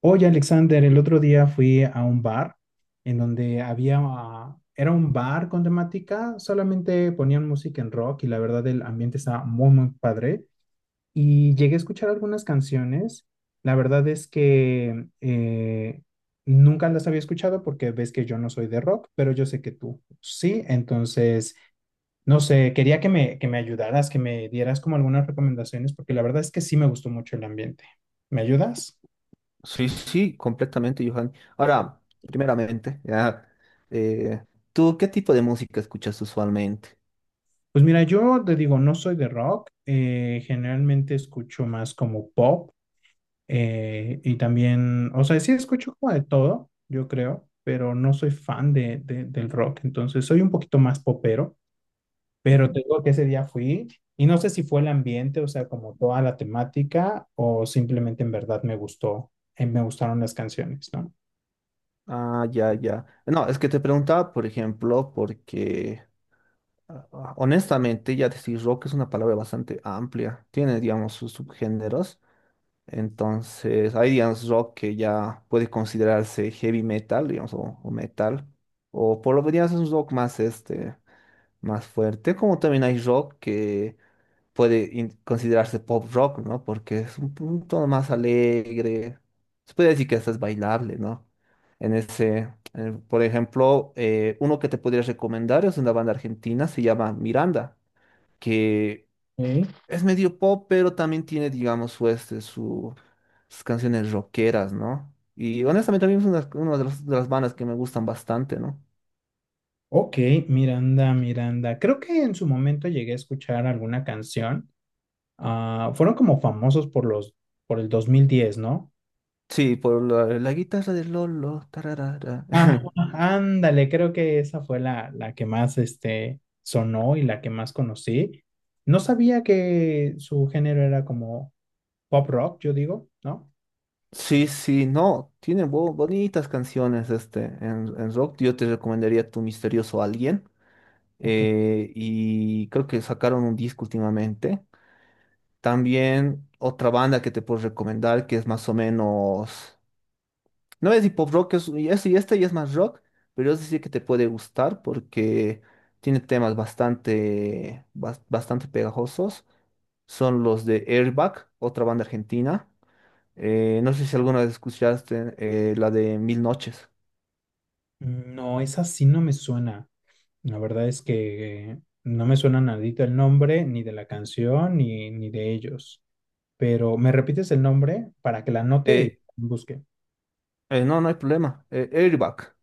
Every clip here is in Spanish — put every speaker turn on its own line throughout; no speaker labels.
Oye, Alexander, el otro día fui a un bar en donde había, era un bar con temática, solamente ponían música en rock y la verdad el ambiente estaba muy, muy padre. Y llegué a escuchar algunas canciones. La verdad es que nunca las había escuchado porque ves que yo no soy de rock, pero yo sé que tú sí. Entonces, no sé, quería que me ayudaras, que me dieras como algunas recomendaciones porque la verdad es que sí me gustó mucho el ambiente. ¿Me ayudas?
Sí, sí, completamente, Johan. Ahora, primeramente, ya, eh, ¿tú qué tipo de música escuchas usualmente?
Pues mira, yo te digo, no soy de rock, generalmente escucho más como pop y también, o sea, sí escucho como de todo, yo creo, pero no soy fan del rock, entonces soy un poquito más popero, pero
Ujú.
te digo que ese día fui y no sé si fue el ambiente, o sea, como toda la temática o simplemente en verdad me gustó, me gustaron las canciones, ¿no?
Ah, ya, ya. No, es que te preguntaba, por ejemplo, porque honestamente ya decir rock es una palabra bastante amplia. Tiene, digamos, sus subgéneros. Entonces, hay, digamos, rock que ya puede considerarse heavy metal, digamos, o metal. O por lo menos es un rock más, este, más fuerte. Como también hay rock que considerarse pop rock, ¿no? Porque es un tono más alegre. Se puede decir que hasta es bailable, ¿no? Por ejemplo, uno que te podría recomendar es una banda argentina, se llama Miranda, que
Ok.
es medio pop, pero también tiene, digamos, sus canciones rockeras, ¿no? Y honestamente a mí es una, las de las bandas que me gustan bastante, ¿no?
Ok, Miranda, Miranda. Creo que en su momento llegué a escuchar alguna canción. Ah, fueron como famosos por el 2010, ¿no?
Sí, por la guitarra de Lolo, tararara.
Ah, ándale, creo que esa fue la que más este, sonó y la que más conocí. No sabía que su género era como pop rock, yo digo, ¿no?
Sí, sí, no, tiene bonitas canciones este en rock. Yo te recomendaría Tu Misterioso Alguien.
Ok.
Y creo que sacaron un disco últimamente. También otra banda que te puedo recomendar que es más o menos. No es hip hop rock, este ya es más rock, pero yo sí que te puede gustar porque tiene temas bastante pegajosos. Son los de Airbag, otra banda argentina. No sé si alguna vez escuchaste la de Mil Noches.
No, esa sí no me suena. La verdad es que no me suena nadito el nombre, ni de la canción, ni, ni de ellos. Pero, ¿me repites el nombre para que la anote y
Eh,
busque?
no, no hay problema. Airbag.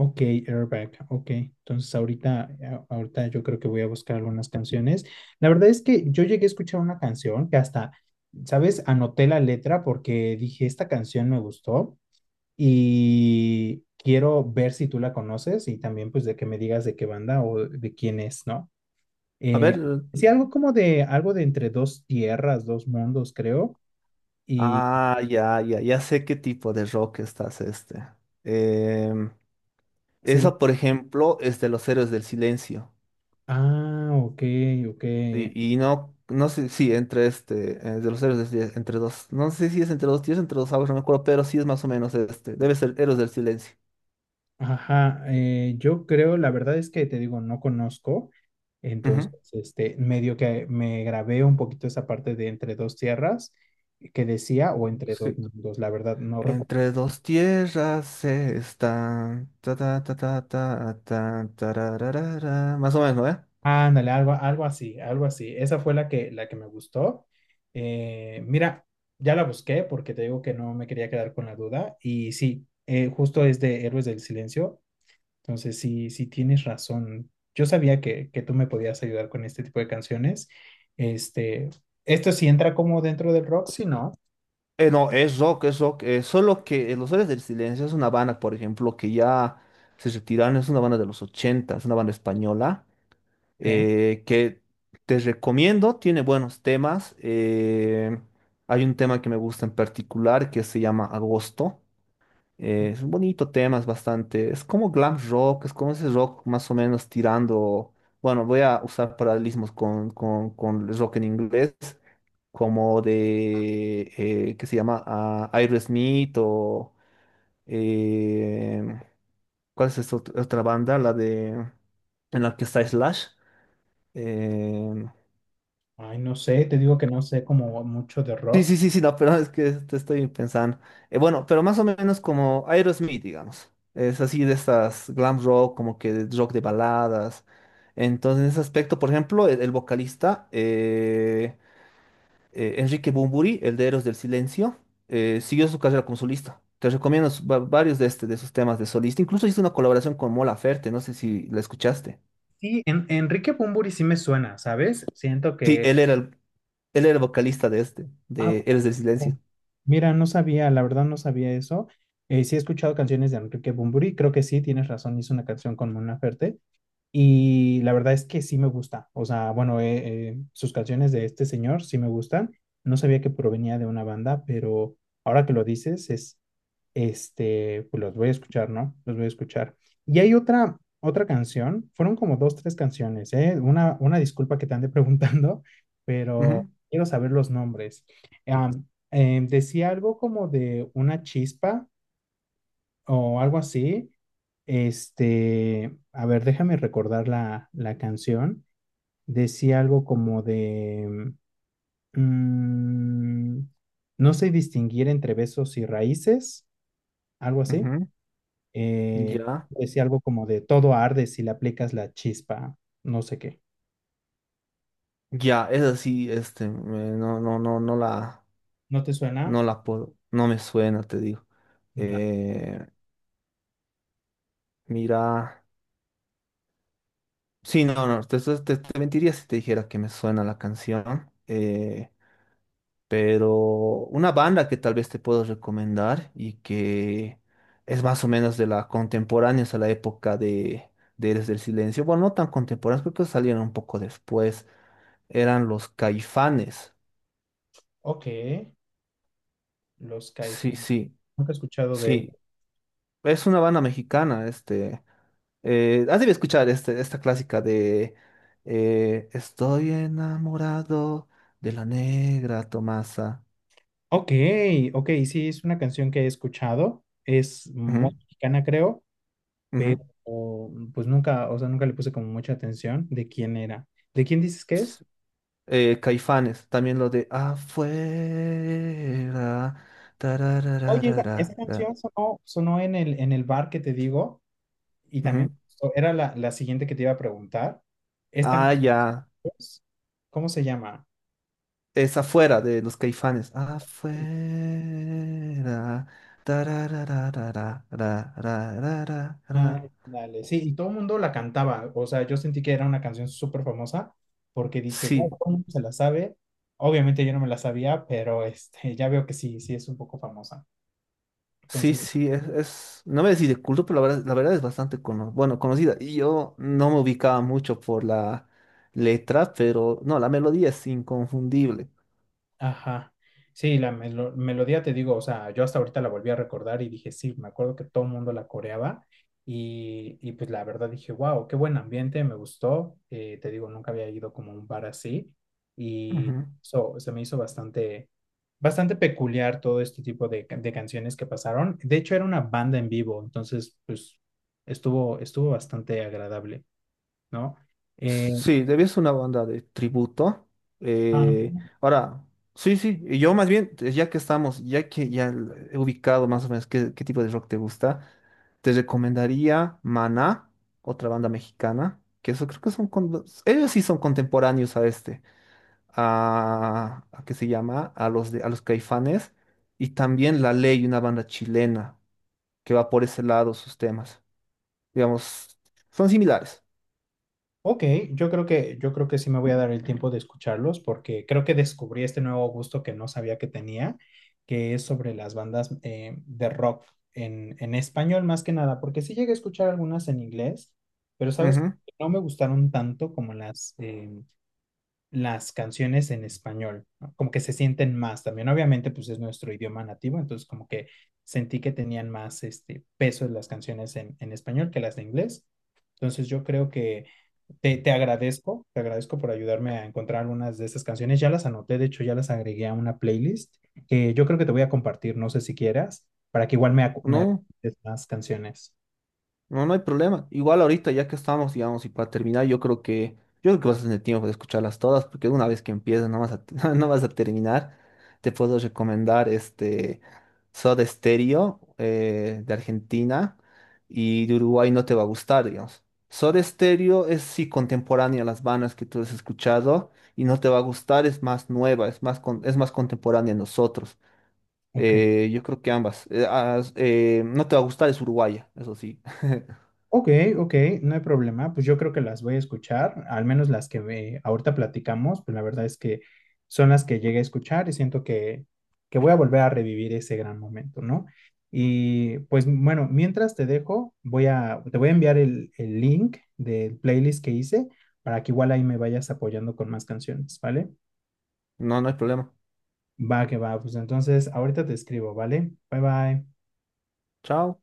Ok, Airbag, ok. Entonces ahorita, ahorita yo creo que voy a buscar algunas canciones. La verdad es que yo llegué a escuchar una canción que hasta, ¿sabes? Anoté la letra porque dije, esta canción me gustó y quiero ver si tú la conoces y también pues de que me digas de qué banda o de quién es, ¿no?
A
Eh,
ver.
sí, algo como de, algo de entre dos tierras, dos mundos, creo. Y
Ah, ya sé qué tipo de rock estás este. Em,
sí,
Esa, por ejemplo, es de los Héroes del Silencio.
ah, ok, ok.
Y no, no sé, sí, entre este, de los Héroes del Silencio, entre dos, no sé si es entre dos tíos, entre dos aguas, no me acuerdo, pero sí es más o menos este. Debe ser Héroes del Silencio.
Ajá, yo creo, la verdad es que te digo, no conozco, entonces,
Ujú,
este, medio que me grabé un poquito esa parte de entre dos tierras que decía, o
ujú.
entre
Sí.
dos mundos, la verdad no recuerdo.
Entre dos tierras se están. Ta, ta, ta, ta, ta, ta, tarararara. Más o menos, ¿eh?
Ándale, algo, algo así, algo así. Esa fue la que me gustó. Mira, ya la busqué porque te digo que no me quería quedar con la duda y sí, justo es de Héroes del Silencio. Entonces, sí, sí tienes razón. Yo sabía que tú me podías ayudar con este tipo de canciones. Este, esto sí entra como dentro del rock, si no.
No, es rock, es rock. Solo que Los Héroes del Silencio es una banda, por ejemplo, que ya se retiraron. Es una banda de los 80, es una banda española.
Ok.
Que te recomiendo, tiene buenos temas. Hay un tema que me gusta en particular que se llama Agosto. Es un bonito tema, es bastante. Es como glam rock, es como ese rock más o menos tirando. Bueno, voy a usar paralelismos con el rock en inglés, como de. ¿Qué se llama? Ah, Aerosmith o. eh, ¿Cuál es esta otra banda? La de. En la que está Slash. eh,
Ay, no sé, te digo que no sé como mucho de
Sí,
rock.
sí, sí, sí, no, pero es que te estoy pensando. Bueno, pero más o menos como Aerosmith, digamos. Es así de estas glam rock, como que de rock de baladas. Entonces, en ese aspecto, por ejemplo, el vocalista Enrique Bunbury, el de Héroes del Silencio, siguió su carrera como solista. Te recomiendo varios de, este, de sus temas de solista. Incluso hizo una colaboración con Mola Ferte, no sé si la escuchaste.
Sí, en, Enrique Bunbury sí me suena, ¿sabes? Siento
Sí,
que...
él era el vocalista de este,
Ah,
de Héroes del
poco.
Silencio.
Mira, no sabía, la verdad no sabía eso. Sí he escuchado canciones de Enrique Bunbury, creo que sí, tienes razón, hizo una canción con Mona Ferte. Y la verdad es que sí me gusta. O sea, bueno, sus canciones de este señor sí me gustan. No sabía que provenía de una banda, pero ahora que lo dices, es, este, pues los voy a escuchar, ¿no? Los voy a escuchar. Y hay otra, otra canción, fueron como dos, tres canciones, ¿eh? Una disculpa que te ande preguntando, pero
Ujú,
quiero saber los nombres. Am, decía algo como de una chispa o algo así, este, a ver, déjame recordar la canción. Decía algo como de, mm, no sé distinguir entre besos y raíces, algo así.
ujú.
Eh,
Ya.
decía algo como de, todo arde si le aplicas la chispa, no sé qué.
Ya, esa sí, este,
¿No te
no
suena?
la puedo, no me suena, te digo.
Ra-
Eh, mira, sí, no, no, te mentiría si te dijera que me suena la canción, pero una banda que tal vez te puedo recomendar y que es más o menos de la contemporánea, a la época de Eres del Silencio, bueno, no tan contemporáneos, creo que salieron un poco después, eran los Caifanes,
Ok, los
sí,
caifanes.
sí,
Nunca he escuchado de ellos.
sí. Es una banda mexicana, este. Has debido escuchar este, esta clásica de Estoy enamorado de la negra Tomasa.
Ok, ok, sí, es una canción que he escuchado. Es
Ujú,
muy mexicana, creo.
ujú.
Pero pues nunca, o sea, nunca le puse como mucha atención de quién era. ¿De quién dices que es?
Caifanes, también lo de afuera.
Oye, esa
Tararararara,
canción sonó, sonó en el bar que te digo y también
ujú.
me gustó. Era la, la siguiente que te iba a preguntar. Esta,
Ah, ya.
¿cómo se llama?
Es afuera de los Caifanes. Afuera. Tararararararararara.
Dale, sí, y todo el mundo la cantaba, o sea, yo sentí que era una canción súper famosa porque dije, wow,
Sí.
todo el mundo se la sabe. Obviamente yo no me la sabía, pero este, ya veo que sí, sí es un poco famosa.
Sí,
Entonces,
sí, no me decís de culto, pero la verdad es bueno, conocida. Y yo no me ubicaba mucho por la letra, pero no, la melodía es inconfundible.
ajá. Sí, la melodía te digo, o sea, yo hasta ahorita la volví a recordar y dije, sí, me acuerdo que todo el mundo la coreaba y pues la verdad dije, wow, qué buen ambiente, me gustó. Te digo, nunca había ido como a un bar así y
Ujú.
so, se me hizo bastante, bastante peculiar todo este tipo de canciones que pasaron. De hecho, era una banda en vivo, entonces, pues estuvo, estuvo bastante agradable, ¿no? Eh,
Sí, debía ser una banda de tributo.
ah.
Eh, ahora, sí, sí, y yo más bien, ya que estamos, he ubicado más o menos qué tipo de rock te gusta, te recomendaría Maná, otra banda mexicana, que eso creo que son, ellos sí son contemporáneos a este. A ¿Qué se llama? A los Caifanes y también La Ley, una banda chilena que va por ese lado sus temas. Digamos, son similares.
Ok, yo creo que sí me voy a dar el tiempo de escucharlos porque creo que descubrí este nuevo gusto que no sabía que tenía, que es sobre las bandas de rock en español más que nada, porque sí llegué a escuchar algunas en inglés, pero sabes,
Ujú.
no me gustaron tanto como las canciones en español, ¿no? Como que se sienten más también, obviamente pues es nuestro idioma nativo, entonces como que sentí que tenían más este, peso las canciones en español que las de inglés. Entonces yo creo que te agradezco por ayudarme a encontrar algunas de estas canciones. Ya las anoté, de hecho ya las agregué a una playlist que yo creo que te voy a compartir, no sé si quieras, para que igual me, acu- me
¿No?
recomiendes más canciones.
No, no hay problema. Igual ahorita, ya que estamos, digamos, y para terminar, yo creo que vas a tener tiempo de escucharlas todas, porque una vez que empiezas no vas a, no vas a terminar. Te puedo recomendar este Soda Stereo de Argentina y de Uruguay no te va a gustar, digamos. Soda Stereo es sí contemporánea a las bandas que tú has escuchado y no te va a gustar, es más nueva, es más contemporánea a nosotros.
Ok.
Yo creo que ambas. No te va a gustar, es uruguaya, eso sí.
Ok, ok, no hay problema. Pues yo creo que las voy a escuchar, al menos las ahorita platicamos, pues la verdad es que son las que llegué a escuchar y siento que voy a volver a revivir ese gran momento, ¿no? Y pues bueno, mientras te dejo, te voy a enviar el link del playlist que hice para que igual ahí me vayas apoyando con más canciones, ¿vale?
No, no hay problema.
Va que va, pues entonces ahorita te escribo, ¿vale? Bye bye.
Chao.